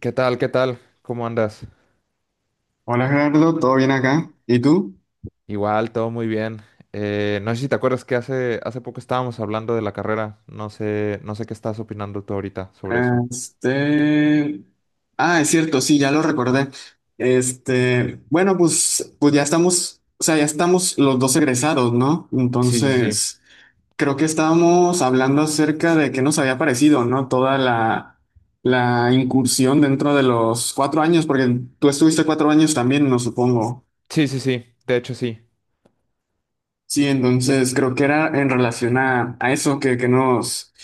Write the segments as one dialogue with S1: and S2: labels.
S1: ¿Qué tal? ¿Qué tal? ¿Cómo andas?
S2: Hola Gerardo, ¿todo bien acá? ¿Y tú?
S1: Igual, todo muy bien. No sé si te acuerdas que hace poco estábamos hablando de la carrera. No sé, no sé qué estás opinando tú ahorita sobre eso.
S2: Este... Ah, es cierto, sí, ya lo recordé. Bueno, pues ya estamos, o sea, ya estamos los dos egresados, ¿no?
S1: Sí, sí, sí.
S2: Entonces, creo que estábamos hablando acerca de qué nos había parecido, ¿no? Toda la incursión dentro de los 4 años, porque tú estuviste 4 años también, no supongo.
S1: Sí, sí, sí. De hecho, sí.
S2: Sí, entonces creo que era en relación a eso que, que nos,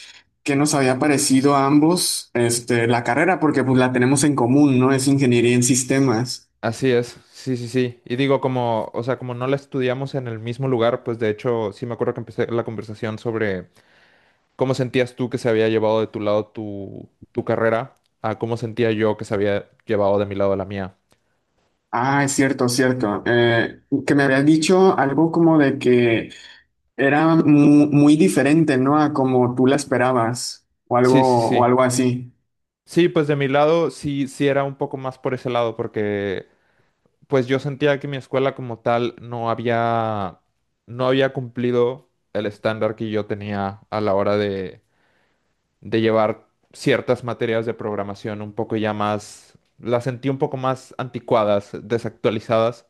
S2: que nos había parecido a ambos la carrera, porque pues la tenemos en común, ¿no? Es ingeniería en sistemas.
S1: Así es. Sí, sí, sí. Y digo, como, o sea, como no la estudiamos en el mismo lugar, pues de hecho, sí me acuerdo que empecé la conversación sobre cómo sentías tú que se había llevado de tu lado tu carrera a cómo sentía yo que se había llevado de mi lado la mía.
S2: Ah, es cierto, cierto. Que me habías dicho algo como de que era muy diferente, ¿no? A como tú la esperabas,
S1: Sí, sí,
S2: o
S1: sí.
S2: algo así.
S1: Sí, pues de mi lado sí, sí era un poco más por ese lado, porque pues yo sentía que mi escuela como tal no había cumplido el estándar que yo tenía a la hora de llevar ciertas materias de programación un poco ya más, las sentí un poco más anticuadas, desactualizadas.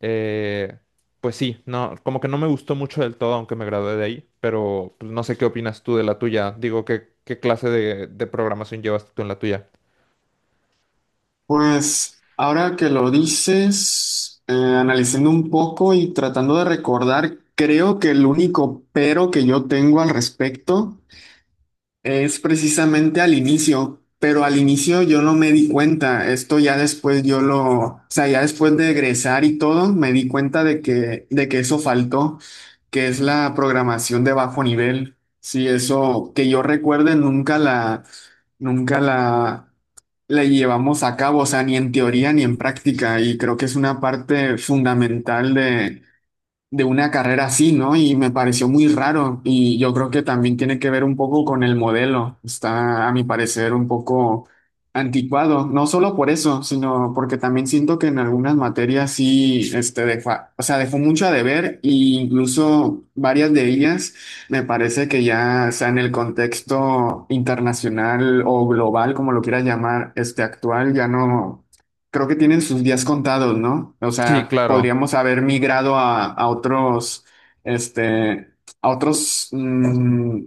S1: Eh, pues sí, no, como que no me gustó mucho del todo, aunque me gradué de ahí, pero pues, no sé qué opinas tú de la tuya. Digo, ¿qué, qué clase de programación llevas tú en la tuya?
S2: Pues ahora que lo dices, analizando un poco y tratando de recordar, creo que el único pero que yo tengo al respecto es precisamente al inicio, pero al inicio yo no me di cuenta, esto ya después yo lo, o sea, ya después de egresar y todo, me di cuenta de que eso faltó, que es la programación de bajo nivel. Sí, eso que yo recuerde nunca la llevamos a cabo, o sea, ni en teoría ni en práctica, y creo que es una parte fundamental de una carrera así, ¿no? Y me pareció muy raro y yo creo que también tiene que ver un poco con el modelo. Está, a mi parecer, un poco anticuado, no solo por eso, sino porque también siento que en algunas materias sí, o sea, dejó mucho a deber e incluso varias de ellas me parece que ya, o sea, en el contexto internacional o global, como lo quieras llamar, este actual, ya no. Creo que tienen sus días contados, ¿no? O
S1: Sí,
S2: sea,
S1: claro.
S2: podríamos haber migrado este, a otros,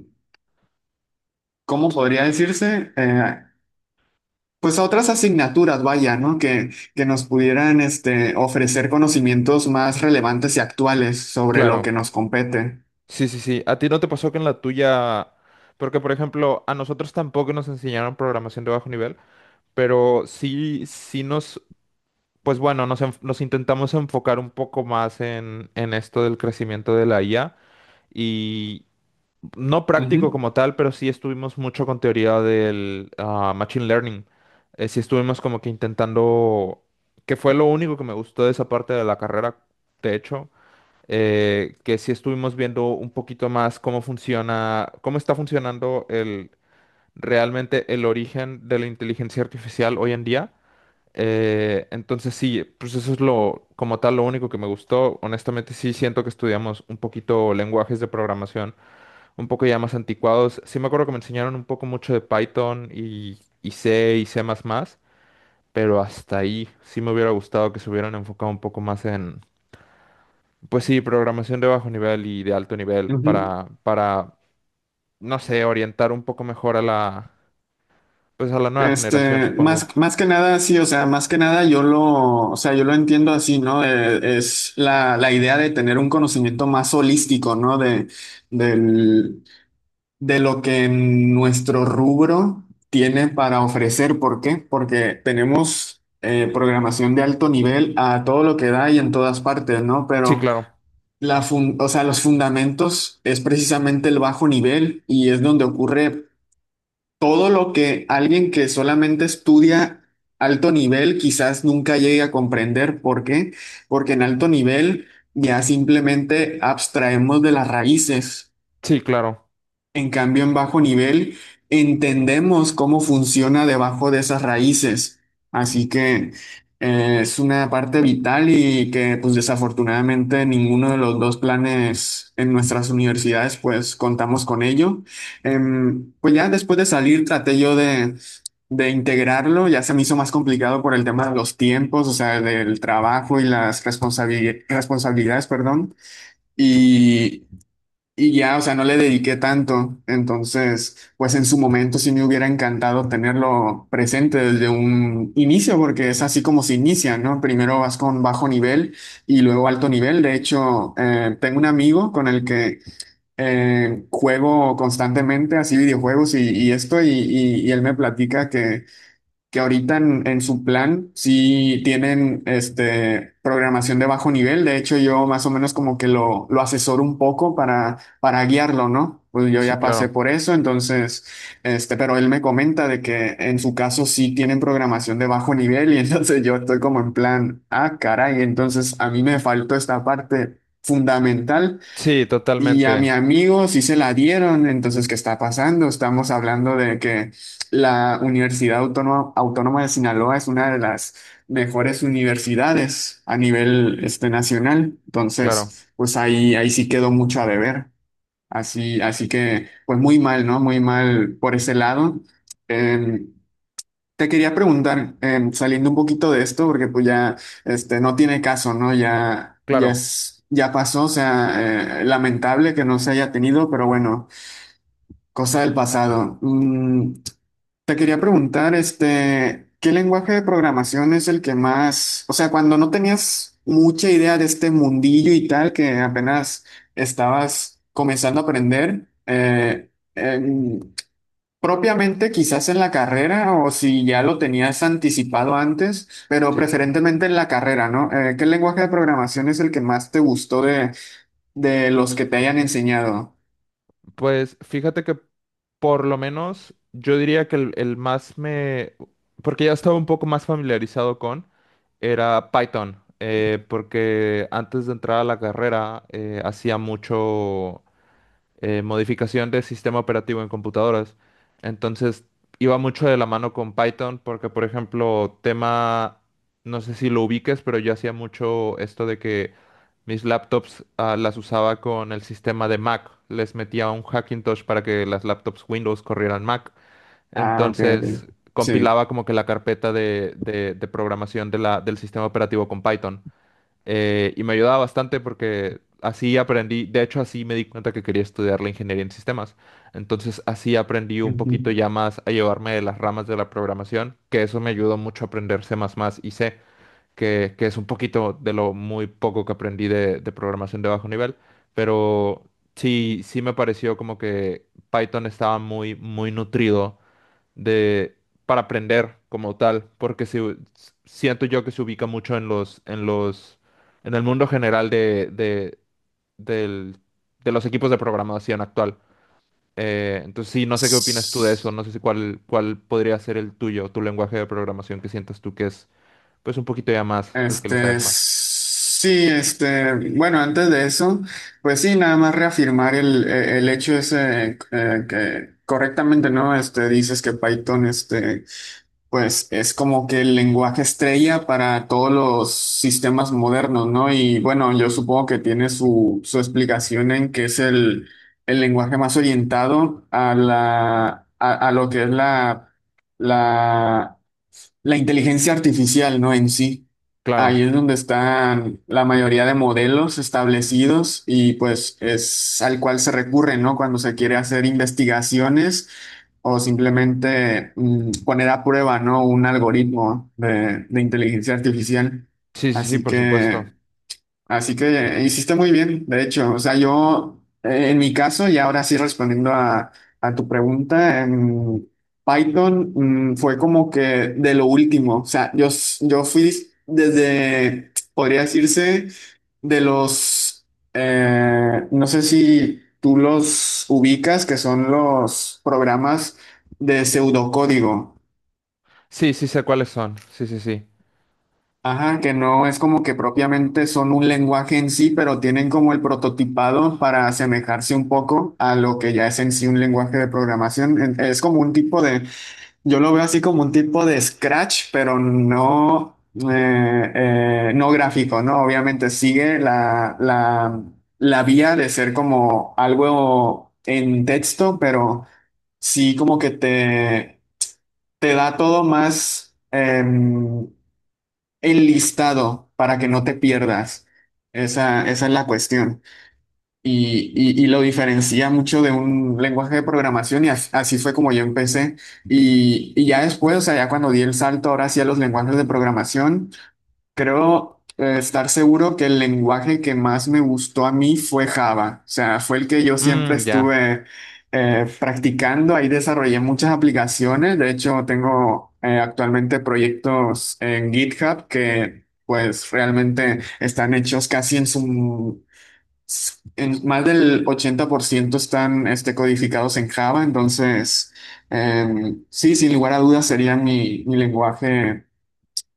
S2: ¿cómo podría decirse? Pues a otras asignaturas, vaya, ¿no? Que nos pudieran, ofrecer conocimientos más relevantes y actuales sobre lo
S1: Claro,
S2: que nos compete.
S1: sí, sí, sí. ¿A ti no te pasó que en la tuya, porque por ejemplo, a nosotros tampoco nos enseñaron programación de bajo nivel, pero sí, pues bueno, nos intentamos enfocar un poco más en esto del crecimiento de la IA y no
S2: Ujú,
S1: práctico como tal, pero sí estuvimos mucho con teoría del machine learning. Sí estuvimos como que intentando, que fue lo único que me gustó de esa parte de la carrera, de hecho que sí estuvimos viendo un poquito más cómo funciona, cómo está funcionando realmente el origen de la inteligencia artificial hoy en día. Entonces sí, pues eso es lo, como tal, lo único que me gustó. Honestamente sí siento que estudiamos un poquito lenguajes de programación, un poco ya más anticuados. Sí me acuerdo que me enseñaron un poco mucho de Python y C y C++, pero hasta ahí sí me hubiera gustado que se hubieran enfocado un poco más pues sí, programación de bajo nivel y de alto nivel
S2: ujú.
S1: para, no sé, orientar un poco mejor a la, pues a la nueva generación, supongo.
S2: Más que nada, sí, o sea, más que nada yo lo entiendo así, ¿no? Es la idea de tener un conocimiento más holístico, ¿no? Del, de lo que nuestro rubro tiene para ofrecer. ¿Por qué? Porque tenemos programación de alto nivel a todo lo que da y en todas partes, ¿no?
S1: Sí,
S2: Pero
S1: claro.
S2: o sea, los fundamentos es precisamente el bajo nivel y es donde ocurre todo lo que alguien que solamente estudia alto nivel quizás nunca llegue a comprender. ¿Por qué? Porque en alto nivel ya simplemente abstraemos de las raíces.
S1: Sí, claro.
S2: En cambio, en bajo nivel entendemos cómo funciona debajo de esas raíces. Así que es una parte vital y que pues desafortunadamente ninguno de los dos planes en nuestras universidades pues contamos con ello. Pues ya después de salir traté yo de integrarlo, ya se me hizo más complicado por el tema de los tiempos, o sea, del trabajo y las responsabilidades, perdón. Y y ya, o sea, no le dediqué tanto. Entonces, pues en su momento sí me hubiera encantado tenerlo presente desde un inicio, porque es así como se inicia, ¿no? Primero vas con bajo nivel y luego alto nivel. De hecho, tengo un amigo con el que juego constantemente así videojuegos y esto, y él me platica que ahorita en su plan sí tienen programación de bajo nivel. De hecho, yo más o menos como que lo asesoro un poco para guiarlo, ¿no? Pues yo
S1: Sí,
S2: ya pasé
S1: claro.
S2: por eso, entonces, pero él me comenta de que en su caso sí tienen programación de bajo nivel y entonces yo estoy como en plan, ah, caray, entonces a mí me faltó esta parte fundamental
S1: Sí,
S2: y a mi
S1: totalmente.
S2: amigo sí se la dieron, entonces, ¿qué está pasando? Estamos hablando de que la Universidad Autónoma de Sinaloa es una de las mejores universidades a nivel nacional,
S1: Claro.
S2: entonces, pues ahí sí quedó mucho a deber. Así que, pues muy mal, ¿no? Muy mal por ese lado. Eh, Te quería preguntar, saliendo un poquito de esto, porque pues ya no tiene caso, ¿no? Ya, ya
S1: Claro.
S2: es, ya pasó, o sea, lamentable que no se haya tenido, pero bueno, cosa del pasado. Te quería preguntar, ¿qué lenguaje de programación es el que más, o sea, cuando no tenías mucha idea de este mundillo y tal, que apenas estabas comenzando a aprender, propiamente quizás en la carrera o si ya lo tenías anticipado antes, pero
S1: Sí.
S2: preferentemente en la carrera, ¿no? ¿Qué lenguaje de programación es el que más te gustó de los que te hayan enseñado?
S1: Pues fíjate que por lo menos yo diría que el más me, porque ya estaba un poco más familiarizado con, era Python. Porque antes de entrar a la carrera hacía mucho modificación de sistema operativo en computadoras. Entonces, iba mucho de la mano con Python porque, por ejemplo, tema, no sé si lo ubiques, pero yo hacía mucho esto de que mis laptops, las usaba con el sistema de Mac. Les metía un Hackintosh para que las laptops Windows corrieran Mac.
S2: Ah, ok,
S1: Entonces,
S2: ok. Sí.
S1: compilaba como que la carpeta de programación de del sistema operativo con Python. Y me ayudaba bastante porque así aprendí, de hecho así me di cuenta que quería estudiar la ingeniería en sistemas. Entonces así aprendí un poquito
S2: Ujú.
S1: ya más a llevarme de las ramas de la programación, que eso me ayudó mucho a aprender C++ y C, que es un poquito de lo muy poco que aprendí de programación de bajo nivel, pero sí, sí me pareció como que Python estaba muy, muy nutrido de para aprender como tal, porque si, siento yo que se ubica mucho en los en el mundo general del- de los equipos de programación actual. Entonces sí, no sé qué opinas tú de eso, no sé si cuál podría ser el tuyo, tu lenguaje de programación que sientas tú que es pues un poquito ya más al que le sabes más.
S2: Sí, bueno, antes de eso, pues sí, nada más reafirmar el hecho ese que correctamente, ¿no? Dices que Python, pues es como que el lenguaje estrella para todos los sistemas modernos, ¿no? Y bueno, yo supongo que tiene su explicación en que es el lenguaje más orientado a lo que es la la inteligencia artificial, ¿no? En sí. Ahí
S1: Claro.
S2: es donde están la mayoría de modelos establecidos y pues es al cual se recurre, ¿no? Cuando se quiere hacer investigaciones o simplemente poner a prueba, ¿no? Un algoritmo de inteligencia artificial.
S1: Sí, sí, sí,
S2: Así
S1: por supuesto.
S2: que... Así que Hiciste muy bien, de hecho. O sea, yo, en mi caso, y ahora sí respondiendo a tu pregunta, Python, fue como que de lo último. O sea, yo fui desde, podría decirse, de los, no sé si tú los ubicas, que son los programas de pseudocódigo.
S1: Sí, sí sé cuáles son. Sí, sí, sí.
S2: Ajá, que no es como que propiamente son un lenguaje en sí, pero tienen como el prototipado para asemejarse un poco a lo que ya es en sí un lenguaje de programación. Es como un tipo de, yo lo veo así como un tipo de Scratch, pero no, eh, no gráfico, ¿no? Obviamente sigue la vía de ser como algo en texto, pero sí como que te da todo más, em, el listado para que no te pierdas. Esa es la cuestión. Y lo diferencia mucho de un lenguaje de programación y así fue como yo empecé. Y ya después, o sea, ya cuando di el salto ahora sí a los lenguajes de programación. Creo estar seguro que el lenguaje que más me gustó a mí fue Java, o sea, fue el que yo siempre
S1: Mm, ya.
S2: estuve practicando, ahí desarrollé muchas aplicaciones, de hecho tengo actualmente proyectos en GitHub que pues realmente están hechos En más del 80% están codificados en Java, entonces sí, sin lugar a dudas sería mi lenguaje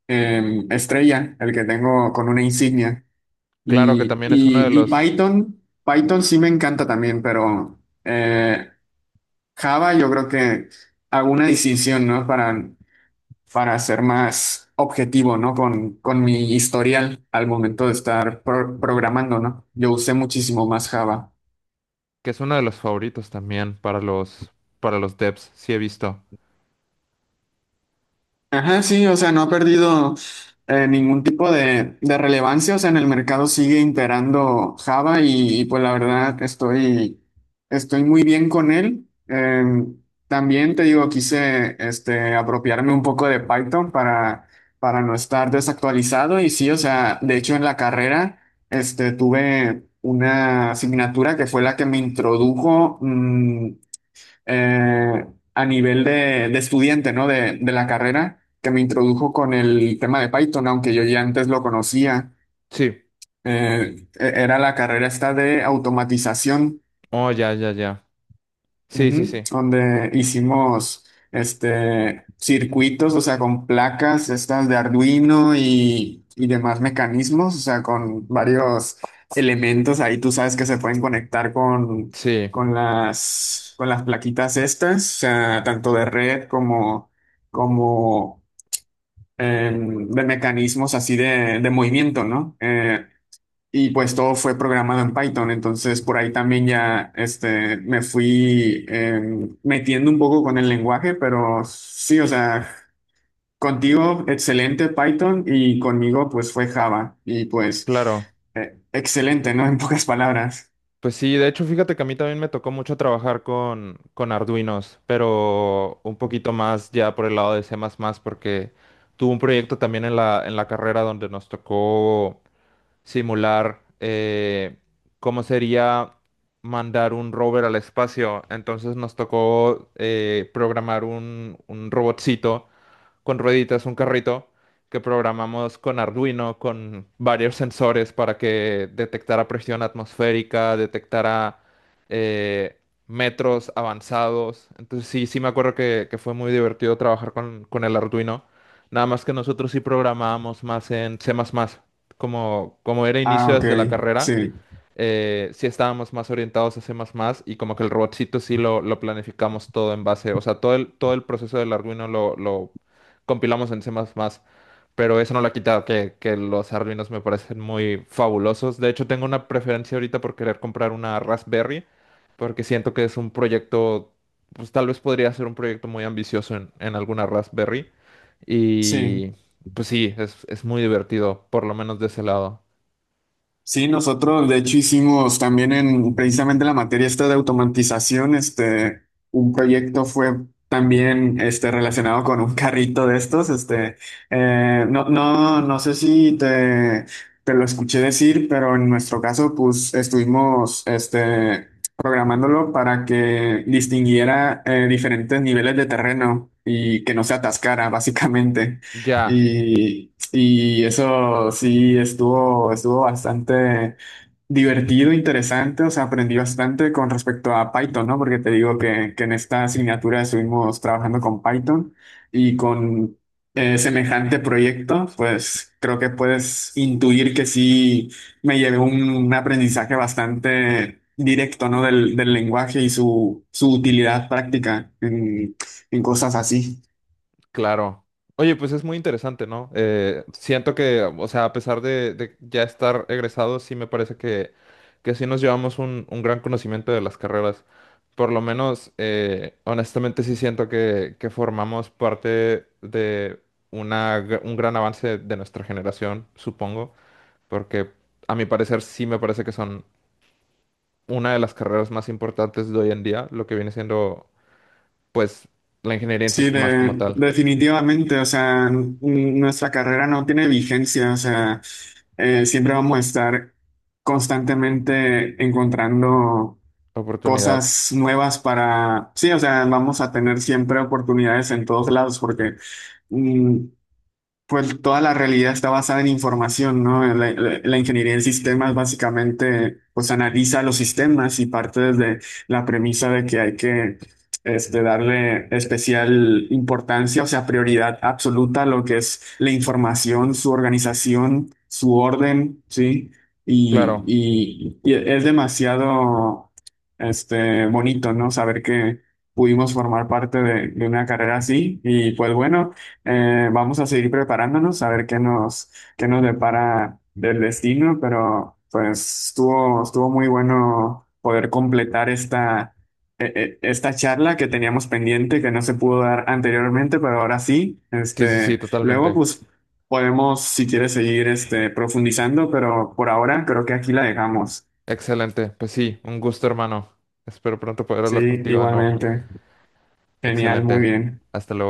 S2: estrella, el que tengo con una insignia.
S1: Claro que
S2: Y,
S1: también es uno de
S2: y, y
S1: los
S2: Python, Python sí me encanta también, pero eh, Java yo creo que hago una distinción, ¿no? Para ser más objetivo, ¿no? Con mi historial al momento de estar programando, ¿no? Yo usé muchísimo más Java.
S1: que es uno de los favoritos también para los devs, sí he visto.
S2: Ajá, sí, o sea, no ha perdido ningún tipo de relevancia, o sea, en el mercado sigue imperando Java pues la verdad estoy muy bien con él. También te digo, quise apropiarme un poco de Python para no estar desactualizado y sí, o sea, de hecho en la carrera tuve una asignatura que fue la que me introdujo eh, a nivel de estudiante, ¿no? De la carrera, que me introdujo con el tema de Python, aunque yo ya antes lo conocía.
S1: Sí.
S2: Era la carrera esta de automatización.
S1: Oh, ya, ya, ya. Sí, sí,
S2: Ujú.
S1: sí.
S2: Donde hicimos circuitos, o sea, con placas estas de Arduino y demás mecanismos, o sea, con varios elementos ahí tú sabes que se pueden conectar con,
S1: Sí,
S2: con las, con las plaquitas estas, o sea, tanto de red como de mecanismos así de movimiento, ¿no? Y pues todo fue programado en Python, entonces por ahí también ya me fui metiendo un poco con el lenguaje, pero sí, o sea, contigo excelente Python y conmigo pues fue Java y pues
S1: claro.
S2: excelente, ¿no? En pocas palabras.
S1: Pues sí, de hecho, fíjate que a mí también me tocó mucho trabajar con Arduinos, pero un poquito más ya por el lado de C++, porque tuve un proyecto también en la carrera donde nos tocó simular cómo sería mandar un rover al espacio. Entonces nos tocó programar un robotcito con rueditas, un carrito que programamos con Arduino, con varios sensores para que detectara presión atmosférica, detectara eh, metros avanzados. Entonces sí, sí me acuerdo que fue muy divertido trabajar con el Arduino. Nada más que nosotros sí programábamos más en C++. Como, como era
S2: Ah,
S1: inicio
S2: ok,
S1: desde la carrera,
S2: sí,
S1: sí estábamos más orientados a C++ y como que el robotcito sí lo planificamos todo en base, o sea, todo el proceso del Arduino lo compilamos en C++, pero eso no lo ha quitado, que los Arduinos me parecen muy fabulosos. De hecho, tengo una preferencia ahorita por querer comprar una Raspberry, porque siento que es un proyecto, pues tal vez podría ser un proyecto muy ambicioso en alguna Raspberry
S2: sí.
S1: y pues sí, es muy divertido, por lo menos de ese lado.
S2: Sí, nosotros de hecho hicimos también en precisamente la materia esta de automatización, un proyecto fue también relacionado con un carrito de estos, no sé si te lo escuché decir, pero en nuestro caso pues estuvimos programándolo para que distinguiera diferentes niveles de terreno y que no se atascara básicamente.
S1: Ya,
S2: Y eso sí estuvo bastante divertido, interesante, o sea, aprendí bastante con respecto a Python, ¿no? Porque te digo que en esta asignatura estuvimos trabajando con Python y con semejante proyecto, pues creo que puedes intuir que sí me llevé un aprendizaje bastante directo, ¿no? Del lenguaje y su utilidad práctica en cosas así.
S1: claro. Oye, pues es muy interesante, ¿no? Siento que, o sea, a pesar de ya estar egresados, sí me parece que sí nos llevamos un gran conocimiento de las carreras. Por lo menos, honestamente, sí siento que formamos parte de una, un gran avance de nuestra generación, supongo, porque a mi parecer sí me parece que son una de las carreras más importantes de hoy en día, lo que viene siendo, pues, la ingeniería en
S2: Sí,
S1: sistemas como tal.
S2: definitivamente, o sea, nuestra carrera no tiene vigencia, o sea, siempre vamos a estar constantemente encontrando
S1: Oportunidad.
S2: cosas nuevas para, sí, o sea, vamos a tener siempre oportunidades en todos lados porque mm, pues toda la realidad está basada en información, ¿no? La ingeniería en sistemas básicamente pues analiza los sistemas y parte desde la premisa de que hay que darle especial importancia, o sea, prioridad absoluta a lo que es la información, su organización, su orden, ¿sí? Y,
S1: Claro.
S2: y- y es demasiado bonito, ¿no? Saber que pudimos formar parte de una carrera así y pues bueno. Vamos a seguir preparándonos a ver qué nos depara del destino, pero pues estuvo muy bueno poder completar esta, esta charla que teníamos pendiente, que no se pudo dar anteriormente, pero ahora sí.
S1: Sí, sí, sí,
S2: Luego,
S1: totalmente.
S2: pues podemos, si quieres, seguir profundizando, pero por ahora creo que aquí la dejamos.
S1: Excelente. Pues sí, un gusto, hermano. Espero pronto poder
S2: Sí,
S1: hablar contigo de nuevo.
S2: igualmente. Genial, muy
S1: Excelente.
S2: bien.
S1: Hasta luego.